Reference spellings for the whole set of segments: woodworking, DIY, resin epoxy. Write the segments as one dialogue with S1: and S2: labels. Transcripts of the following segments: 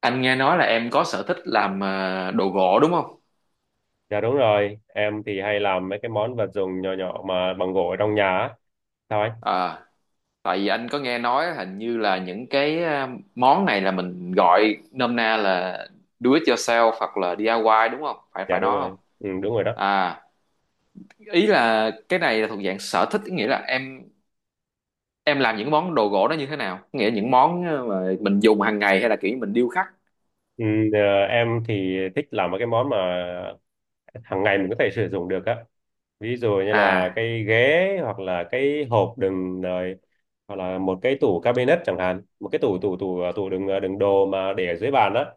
S1: Anh nghe nói là em có sở thích làm đồ gỗ đúng không?
S2: Dạ đúng rồi, em thì hay làm mấy cái món vật dụng nhỏ nhỏ mà bằng gỗ ở trong nhà á. Sao anh?
S1: À, tại vì anh có nghe nói hình như là những cái món này là mình gọi nôm na là do it yourself hoặc là DIY đúng không? Phải
S2: Dạ
S1: phải
S2: đúng
S1: nói
S2: rồi,
S1: không?
S2: ừ, đúng rồi đó.
S1: À, ý là cái này là thuộc dạng sở thích, nghĩa là em làm những món đồ gỗ đó như thế nào? Nghĩa là những món mà mình dùng hàng ngày hay là kiểu như mình điêu khắc?
S2: Ừ, ờ, em thì thích làm mấy cái món mà hàng ngày mình có thể sử dụng được á. Ví dụ như là
S1: À,
S2: cái ghế hoặc là cái hộp đựng rồi, hoặc là một cái tủ cabinet chẳng hạn, một cái tủ tủ tủ ờ, tủ đựng đồ mà để ở dưới bàn đó.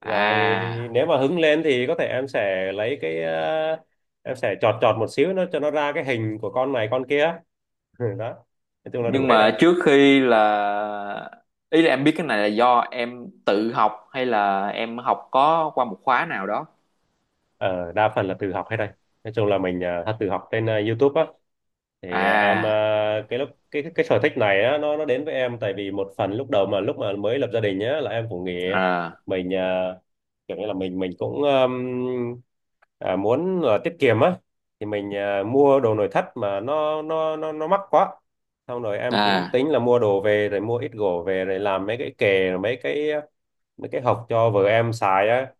S2: Rồi
S1: à,
S2: nếu mà hứng lên thì có thể em sẽ chọt chọt một xíu nó cho nó ra cái hình của con này con kia. Ừ, đó, nói chung là đủ
S1: nhưng
S2: hết đây,
S1: mà trước khi là ý là em biết cái này là do em tự học hay là em học có qua một khóa nào đó.
S2: ờ, đa phần là tự học hết đây, nói chung là mình tự học trên YouTube á. Thì
S1: À,
S2: cái lúc cái sở thích này á nó đến với em, tại vì một phần lúc đầu mà lúc mà mới lập gia đình nhá là em cũng nghĩ
S1: à,
S2: mình kiểu như là mình cũng muốn là tiết kiệm á, thì mình mua đồ nội thất mà nó mắc quá. Xong rồi em cũng
S1: à,
S2: tính là mua đồ về rồi mua ít gỗ về rồi làm mấy cái kệ, mấy cái, mấy cái hộc cho vợ em xài á.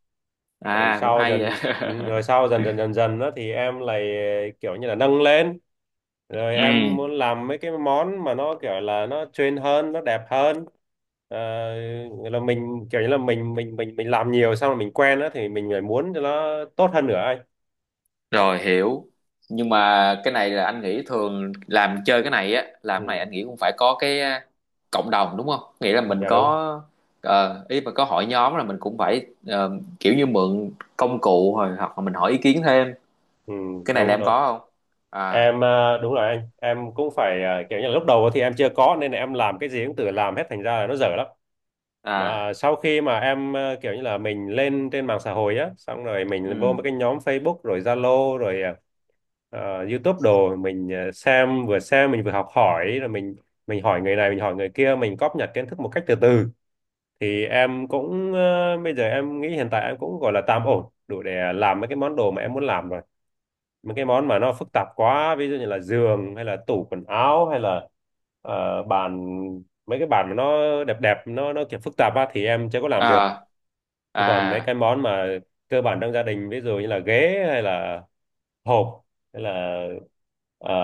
S2: Rồi
S1: à, cũng
S2: sau
S1: hay vậy.
S2: dần, ừ, rồi sau dần dần đó thì em lại kiểu như là nâng lên, rồi em
S1: Ừ,
S2: muốn làm mấy cái món mà nó kiểu là nó trend hơn, nó đẹp hơn. Ờ, nghĩa là mình kiểu như là mình làm nhiều xong rồi mình quen đó thì mình lại muốn cho nó tốt hơn nữa anh. Ừ,
S1: rồi hiểu. Nhưng mà cái này là anh nghĩ thường làm chơi cái này á làm cái này
S2: ừ,
S1: anh nghĩ cũng phải có cái cộng đồng đúng không, nghĩa là mình
S2: dạ đúng,
S1: có ý mà có hội nhóm là mình cũng phải kiểu như mượn công cụ rồi hoặc là mình hỏi ý kiến thêm.
S2: ừ,
S1: Cái này là
S2: đúng
S1: em
S2: đúng.
S1: có không? À,
S2: Đúng rồi anh, em cũng phải kiểu như là lúc đầu thì em chưa có, nên là em làm cái gì cũng tự làm hết thành ra là nó dở lắm.
S1: à,
S2: Mà sau khi mà em kiểu như là mình lên trên mạng xã hội á, xong rồi mình vô mấy
S1: ừ,
S2: cái nhóm Facebook rồi Zalo rồi YouTube đồ, mình xem, vừa xem mình vừa học hỏi rồi mình hỏi người này mình hỏi người kia, mình cóp nhặt kiến thức một cách từ từ. Thì em cũng bây giờ em nghĩ hiện tại em cũng gọi là tạm ổn đủ để làm mấy cái món đồ mà em muốn làm rồi. Mấy cái món mà nó phức tạp quá ví dụ như là giường hay là tủ quần áo hay là bàn, mấy cái bàn mà nó đẹp đẹp, nó kiểu phức tạp á thì em chưa có làm được.
S1: à,
S2: Thế còn mấy cái
S1: à,
S2: món mà cơ bản trong gia đình ví dụ như là ghế hay là hộp hay là ờ,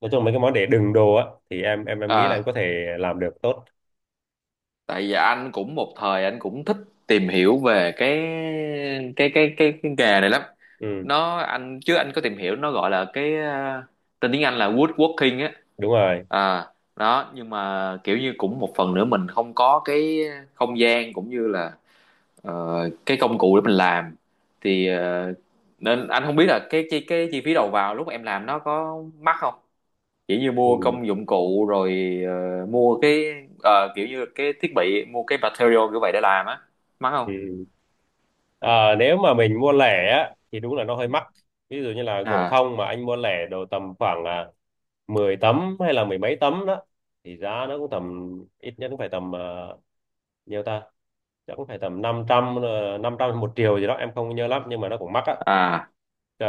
S2: nói chung mấy cái món để đựng đồ á thì em nghĩ là em có
S1: à.
S2: thể làm được tốt.
S1: Tại vì anh cũng một thời anh cũng thích tìm hiểu về cái nghề này lắm.
S2: Ừ,
S1: Nó anh chứ anh có tìm hiểu, nó gọi là cái tên tiếng Anh là woodworking á.
S2: đúng rồi.
S1: À, đó nhưng mà kiểu như cũng một phần nữa mình không có cái không gian cũng như là ờ, cái công cụ để mình làm thì nên anh không biết là cái chi phí đầu vào lúc em làm nó có mắc không, kiểu như mua
S2: Ừ,
S1: công dụng cụ rồi mua cái kiểu như cái thiết bị, mua cái material kiểu vậy để làm á, mắc không?
S2: ừ. Ừ. Ờ, nếu mà mình mua lẻ á thì đúng là nó hơi mắc. Ví dụ như là gỗ
S1: À,
S2: thông mà anh mua lẻ đồ tầm khoảng 10 tấm hay là mười mấy tấm đó thì giá nó cũng tầm, ít nhất cũng phải tầm, uh, nhiêu ta, chắc cũng phải tầm năm trăm, 500 một triệu gì đó em không nhớ lắm, nhưng mà nó cũng mắc á.
S1: à,
S2: Ờ,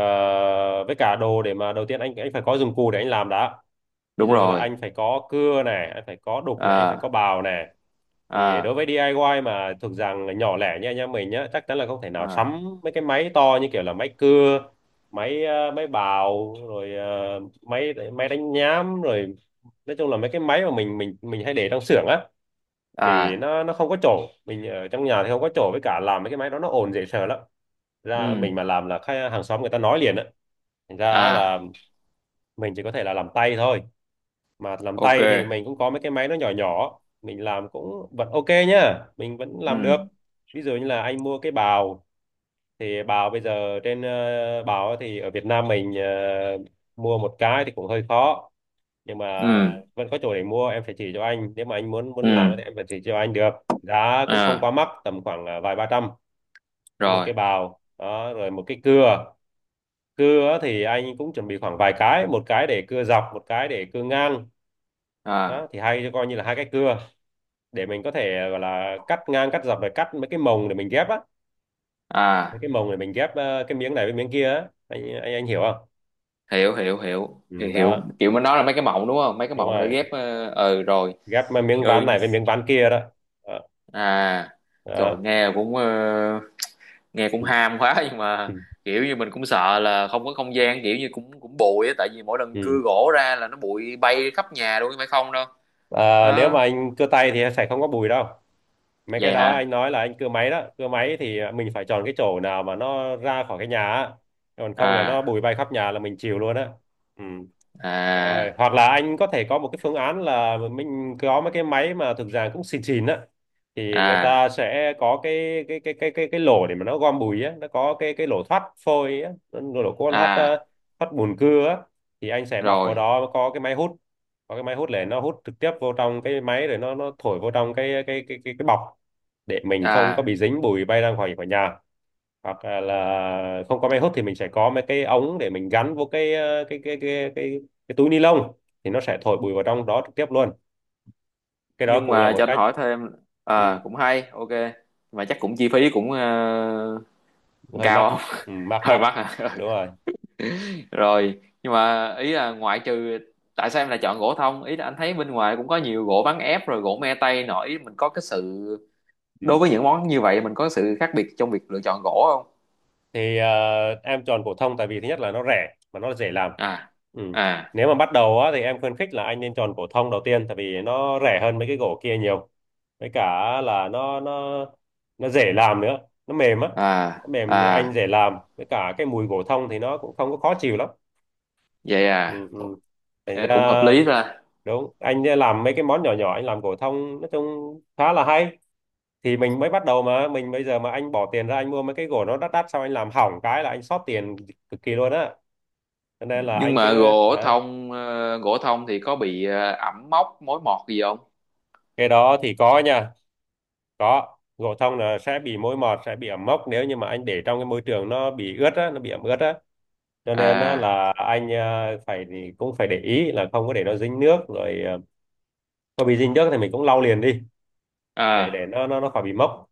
S2: với cả đồ để mà đầu tiên anh phải có dụng cụ để anh làm đã, ví
S1: đúng
S2: dụ là
S1: rồi.
S2: anh phải có cưa này, anh phải có đục này, anh phải có
S1: À,
S2: bào này. Thì đối
S1: à,
S2: với DIY mà thuộc dạng nhỏ lẻ như anh em mình nhá, chắc chắn là không thể nào
S1: à,
S2: sắm mấy cái máy to như kiểu là máy cưa, máy máy bào rồi máy máy đánh nhám rồi, nói chung là mấy cái máy mà mình hay để trong xưởng á, thì
S1: à,
S2: nó không có chỗ, mình ở trong nhà thì không có chỗ, với cả làm mấy cái máy đó nó ồn dễ sợ lắm. Ra
S1: ừ,
S2: mình mà làm là khách hàng xóm người ta nói liền á, thành ra
S1: à,
S2: là mình chỉ có thể là làm tay thôi. Mà làm
S1: ok.
S2: tay thì mình cũng có mấy cái máy nó nhỏ nhỏ mình làm cũng vẫn ok nhá, mình vẫn
S1: Ừ,
S2: làm được. Ví dụ như là anh mua cái bào, thì bào bây giờ bào thì ở Việt Nam mình mua một cái thì cũng hơi khó, nhưng mà
S1: ừ,
S2: vẫn có chỗ để mua, em phải chỉ cho anh, nếu mà anh muốn muốn làm
S1: ừ,
S2: thì em phải chỉ cho anh được. Giá cũng không
S1: à,
S2: quá mắc, tầm khoảng vài ba trăm. Có một
S1: rồi,
S2: cái bào đó rồi một cái cưa, cưa thì anh cũng chuẩn bị khoảng vài cái, một cái để cưa dọc, một cái để cưa ngang, đó
S1: à,
S2: thì hay coi như là hai cái cưa, để mình có thể gọi là cắt ngang cắt dọc rồi cắt mấy cái mồng để mình ghép á, mấy
S1: à.
S2: cái mồng để mình ghép cái miếng này với miếng kia á, anh hiểu không?
S1: Hiểu, hiểu, hiểu, hiểu,
S2: Ừ,
S1: hiểu.
S2: đó,
S1: Kiểu mình nói là mấy cái mộng đúng không, mấy cái
S2: đúng
S1: mộng để
S2: rồi,
S1: ghép ừ, rồi,
S2: ghép miếng ván
S1: ừ,
S2: này với miếng ván kia đó, đó.
S1: à. Trời,
S2: Đó.
S1: nghe cũng
S2: Ừ.
S1: ham quá, nhưng mà
S2: Ừ.
S1: kiểu như mình cũng sợ là không có không gian, kiểu như cũng cũng bụi á, tại vì mỗi lần cưa
S2: Ừ.
S1: gỗ ra là nó bụi bay khắp nhà luôn phải không đâu.
S2: Ờ, nếu mà
S1: Đó,
S2: anh cưa tay thì sẽ không có bùi đâu. Mấy cái
S1: vậy
S2: đó
S1: hả.
S2: anh nói là anh cưa máy đó, cưa máy thì mình phải chọn cái chỗ nào mà nó ra khỏi cái nhà á, còn không là nó
S1: À,
S2: bụi bay khắp nhà là mình chịu luôn á. Ừ. Rồi
S1: à,
S2: hoặc là anh có thể có một cái phương án là mình có mấy cái máy mà thực ra cũng xịn xịn á, thì người
S1: à,
S2: ta sẽ có cái lỗ để mà nó gom bụi á, nó có cái lỗ thoát phôi á, nó lỗ có thoát
S1: à,
S2: ờ, thoát bùn cưa á. Thì anh sẽ bọc vào
S1: rồi,
S2: đó có cái máy hút, có cái máy hút để nó hút trực tiếp vô trong cái máy rồi nó thổi vô trong cái bọc, để mình không có
S1: à.
S2: bị dính bụi bay ra ngoài khỏi nhà. Hoặc là không có máy hút thì mình sẽ có mấy cái ống để mình gắn vô cái ờ, cái túi ni lông, thì nó sẽ thổi bụi vào trong đó trực tiếp luôn, cái đó
S1: Nhưng
S2: cũng là
S1: mà
S2: một
S1: cho anh
S2: cách.
S1: hỏi thêm.
S2: Ừ,
S1: À, cũng hay, ok. Mà chắc cũng chi phí cũng
S2: hơi mắc.
S1: cao không?
S2: Ừ, mắc
S1: Hơi
S2: mắc.
S1: mắc hả.
S2: Đúng rồi.
S1: Rồi nhưng mà ý là ngoại trừ, tại sao em lại chọn gỗ thông? Ý là anh thấy bên ngoài cũng có nhiều gỗ ván ép rồi gỗ me tây nổi, mình có cái sự đối
S2: Ừ.
S1: với những món như vậy, mình có sự khác biệt trong việc lựa chọn gỗ không?
S2: Thì em chọn phổ thông tại vì thứ nhất là nó rẻ mà nó dễ làm.
S1: À,
S2: Ừ.
S1: à,
S2: Nếu mà bắt đầu á thì em khuyến khích là anh nên chọn phổ thông đầu tiên, tại vì nó rẻ hơn mấy cái gỗ kia nhiều, với cả là nó dễ làm nữa, nó mềm á,
S1: à,
S2: nó mềm anh
S1: à,
S2: dễ làm, với cả cái mùi gỗ thông thì nó cũng không có khó chịu lắm.
S1: vậy
S2: Ừ,
S1: à.
S2: ừ. Thành
S1: Ờ, cũng hợp
S2: ra,
S1: lý ra.
S2: đúng, anh làm mấy cái món nhỏ nhỏ anh làm gỗ thông nói chung khá là hay. Thì mình mới bắt đầu mà mình bây giờ mà anh bỏ tiền ra anh mua mấy cái gỗ nó đắt đắt xong anh làm hỏng cái là anh sót tiền cực kỳ luôn á, cho nên là
S1: Nhưng
S2: anh cứ.
S1: mà
S2: Hả?
S1: gỗ thông thì có bị ẩm mốc mối mọt gì không?
S2: Cái đó thì có nha, có, gỗ thông là sẽ bị mối mọt, sẽ bị ẩm mốc, nếu như mà anh để trong cái môi trường nó bị ướt á, nó bị ẩm ướt á. Cho nên á,
S1: À,
S2: là anh phải, thì cũng phải để ý là không có để nó dính nước rồi, có bị dính nước thì mình cũng lau liền đi, để
S1: à,
S2: nó khỏi bị mốc.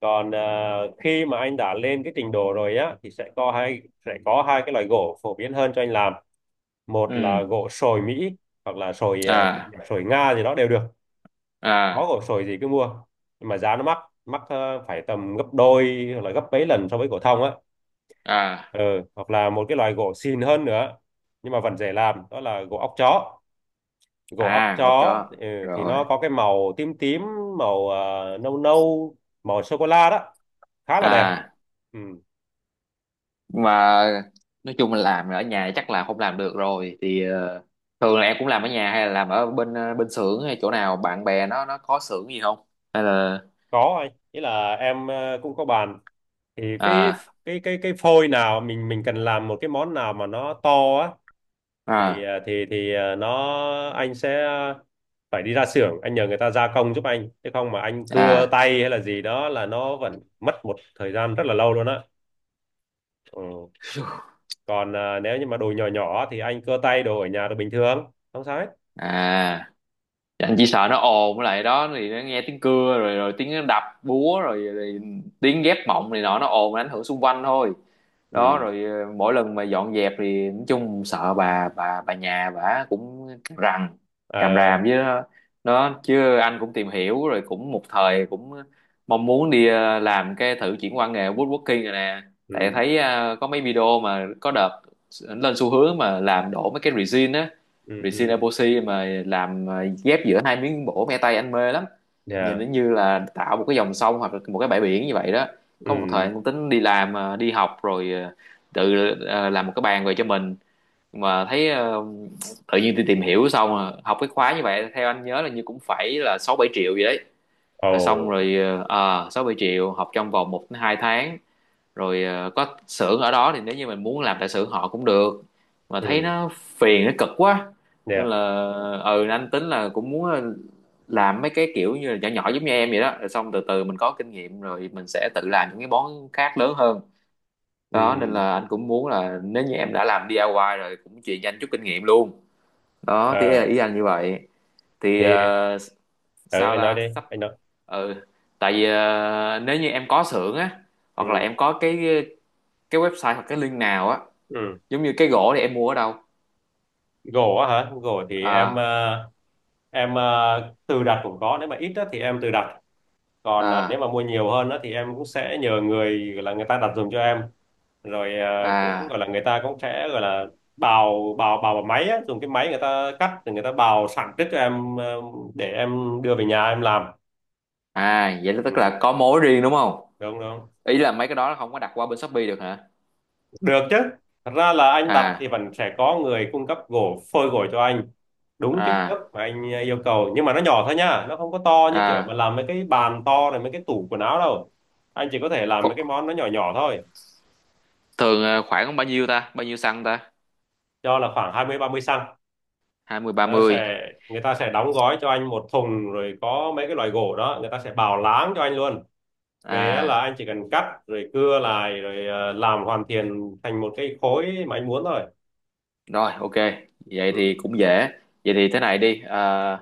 S2: Còn khi mà anh đã lên cái trình độ rồi á thì sẽ có hai cái loại gỗ phổ biến hơn cho anh làm, một là
S1: ừ,
S2: gỗ sồi Mỹ, hoặc là sồi ờ,
S1: à,
S2: sồi Nga gì đó đều được, có
S1: à,
S2: gỗ sồi gì cứ mua. Nhưng mà giá nó mắc, mắc phải tầm gấp đôi hoặc là gấp mấy lần so với gỗ thông á.
S1: à,
S2: Ừ, hoặc là một cái loại gỗ xịn hơn nữa nhưng mà vẫn dễ làm đó là gỗ óc chó, gỗ óc
S1: à ổn
S2: chó,
S1: cho
S2: ừ, thì nó
S1: rồi,
S2: có cái màu tím tím, màu nâu nâu, màu sô cô la đó, khá là đẹp.
S1: à.
S2: Ừ.
S1: Nhưng mà nói chung là làm ở nhà chắc là không làm được rồi thì thường là em cũng làm ở nhà hay là làm ở bên bên xưởng hay chỗ nào bạn bè nó có xưởng gì không, hay là.
S2: Có anh, ý là em cũng có bàn, thì cái
S1: À,
S2: cái cái cái phôi nào mình cần làm một cái món nào mà nó to á thì
S1: à,
S2: à, thì thì à, nó anh sẽ phải đi ra xưởng anh nhờ người ta gia công giúp anh, chứ không mà anh cưa
S1: à,
S2: tay hay là gì đó là nó vẫn mất một thời gian rất là lâu luôn á. Ừ. Còn nếu như mà đồ nhỏ nhỏ thì anh cưa tay đồ ở nhà đồ bình thường không sao hết.
S1: à. Dạ, anh chỉ
S2: Ừ.
S1: sợ nó ồn, với lại đó thì nó nghe tiếng cưa rồi rồi tiếng đập búa rồi, tiếng ghép mộng này nọ, nó ồn ảnh hưởng xung quanh thôi. Đó
S2: Ừ.
S1: rồi mỗi lần mà dọn dẹp thì nói chung sợ bà nhà bà cũng rằn
S2: Ờ.
S1: ràm ràm với nó. Đó, chứ anh cũng tìm hiểu rồi, cũng một thời cũng mong muốn đi làm cái thử chuyển qua nghề woodworking rồi nè. Tại
S2: Ừ.
S1: thấy có mấy video mà có đợt lên xu hướng mà làm đổ mấy cái resin á,
S2: Ừ.
S1: resin
S2: Ừ.
S1: epoxy mà làm ghép giữa hai miếng gỗ me tây, anh mê lắm. Nhìn
S2: Yeah.
S1: nó như là tạo một cái dòng sông hoặc là một cái bãi biển như vậy đó. Có một
S2: Ừ.
S1: thời anh cũng tính đi học rồi làm một cái bàn về cho mình, mà thấy tự nhiên đi tìm hiểu xong học cái khóa như vậy theo anh nhớ là như cũng phải là 6-7 triệu gì đấy.
S2: Ồ.
S1: Rồi xong rồi sáu bảy triệu học trong vòng 1 đến 2 tháng. Rồi có xưởng ở đó thì nếu như mình muốn làm tại xưởng họ cũng được, mà thấy
S2: Ừ.
S1: nó phiền nó cực quá. Nên
S2: Yeah.
S1: là ừ, anh tính là cũng muốn làm mấy cái kiểu như là nhỏ nhỏ giống như em vậy đó, rồi xong từ từ mình có kinh nghiệm rồi mình sẽ tự làm những cái món khác lớn hơn.
S2: Ừ.
S1: Đó nên
S2: Ừ.
S1: là anh cũng muốn là nếu như em đã làm DIY rồi cũng truyền cho anh chút kinh nghiệm luôn. Đó thì là
S2: ờ
S1: ý anh như vậy thì
S2: thì ừ,
S1: sao
S2: anh nói
S1: ta
S2: đi,
S1: sắp.
S2: anh nói.
S1: Ừ, tại vì nếu như em có xưởng á hoặc
S2: Ừ.
S1: là em có cái website hoặc cái link nào á,
S2: Ừ.
S1: giống như cái gỗ thì em mua ở đâu?
S2: Gỗ á hả? Gỗ thì em
S1: À,
S2: tự đặt cũng có, nếu mà ít á thì em tự đặt, còn nếu
S1: à,
S2: mà mua nhiều hơn á thì em cũng sẽ nhờ người, gọi là người ta đặt giùm cho em. Rồi cũng
S1: à,
S2: gọi là người ta cũng sẽ gọi là bào bào bào bằng máy á, dùng cái máy người ta cắt rồi người ta bào sẵn trước cho em để em đưa về nhà em làm.
S1: à, vậy là tức
S2: Ừ,
S1: là có mối riêng đúng không?
S2: đúng đúng.
S1: Ý là mấy cái đó không có đặt qua bên Shopee được hả?
S2: Được chứ. Thật ra là anh đặt thì
S1: À,
S2: vẫn sẽ có người cung cấp gỗ phôi gỗ cho anh đúng kích thước
S1: à,
S2: mà anh yêu cầu, nhưng mà nó nhỏ thôi nha, nó không có to như kiểu mà
S1: à.
S2: làm mấy cái bàn to này, mấy cái tủ quần áo đâu. Anh chỉ có thể làm mấy cái
S1: Ph-
S2: món nó nhỏ nhỏ thôi.
S1: Thường khoảng bao nhiêu ta bao nhiêu xăng ta,
S2: Cho là khoảng 20 30 xăng,
S1: hai mươi ba
S2: nó
S1: mươi
S2: sẽ, người ta sẽ đóng gói cho anh một thùng rồi có mấy cái loại gỗ đó người ta sẽ bào láng cho anh luôn, về á là
S1: À,
S2: anh chỉ cần cắt rồi cưa lại rồi làm hoàn thiện thành một cái khối mà anh muốn thôi.
S1: rồi, ok, vậy thì
S2: Ừ.
S1: cũng dễ. Vậy thì thế này đi. Ờ,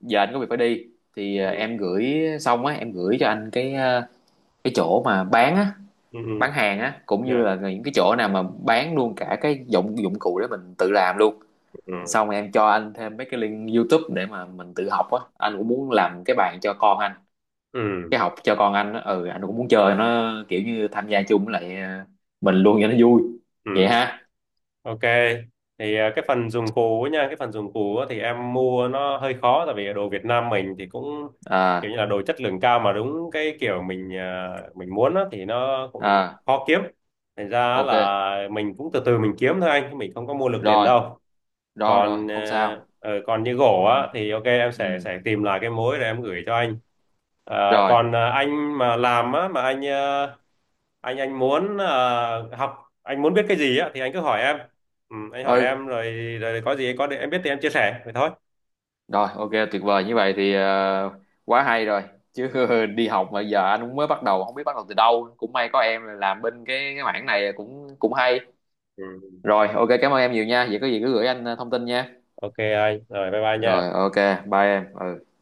S1: giờ anh có việc phải đi, thì
S2: Ừ.
S1: em gửi xong á em gửi cho anh cái chỗ mà bán á,
S2: Ừ. Ừ.
S1: bán hàng á, cũng như
S2: Yeah.
S1: là những cái chỗ nào mà bán luôn cả cái dụng dụng cụ để mình tự làm luôn.
S2: Ừ.
S1: Xong rồi em cho anh thêm mấy cái link YouTube để mà mình tự học á, anh cũng muốn làm cái bàn cho con anh.
S2: Ừ.
S1: Cái học cho con anh á, ừ, anh cũng muốn chơi nó kiểu như tham gia chung với lại mình luôn cho nó vui.
S2: Ừ,
S1: Vậy ha.
S2: ok. Thì cái phần dùng cú á thì em mua nó hơi khó, tại vì đồ Việt Nam mình thì cũng kiểu
S1: À,
S2: như là đồ chất lượng cao mà đúng cái kiểu mình muốn á thì nó cũng
S1: à,
S2: khó kiếm. Thành ra
S1: ok,
S2: là mình cũng từ từ mình kiếm thôi anh, chứ mình không có mua lực liền
S1: rồi,
S2: đâu.
S1: rồi, rồi,
S2: còn ờ,
S1: không sao.
S2: ờ, còn như gỗ
S1: Ừ,
S2: á thì ok, em sẽ
S1: ừ,
S2: sẽ tìm lại cái mối rồi em gửi cho anh. Ờ,
S1: rồi,
S2: còn anh mà làm á, mà anh anh muốn học, anh muốn biết cái gì á thì anh cứ hỏi em, ừ, anh hỏi
S1: ừ.
S2: em rồi, rồi có gì có em biết thì em chia sẻ vậy thôi.
S1: Rồi, ok, tuyệt vời. Như vậy thì
S2: Ừ.
S1: quá hay rồi. Chứ đi học mà giờ anh cũng mới bắt đầu, không biết bắt đầu từ đâu. Cũng may có em làm bên cái mảng này cũng cũng hay.
S2: Ừ. Ừ.
S1: Rồi, ok, cảm ơn em nhiều nha. Vậy có gì cứ gửi anh thông tin nha.
S2: Ok anh, rồi bye bye nha.
S1: Rồi, ok, bye em. Ừ.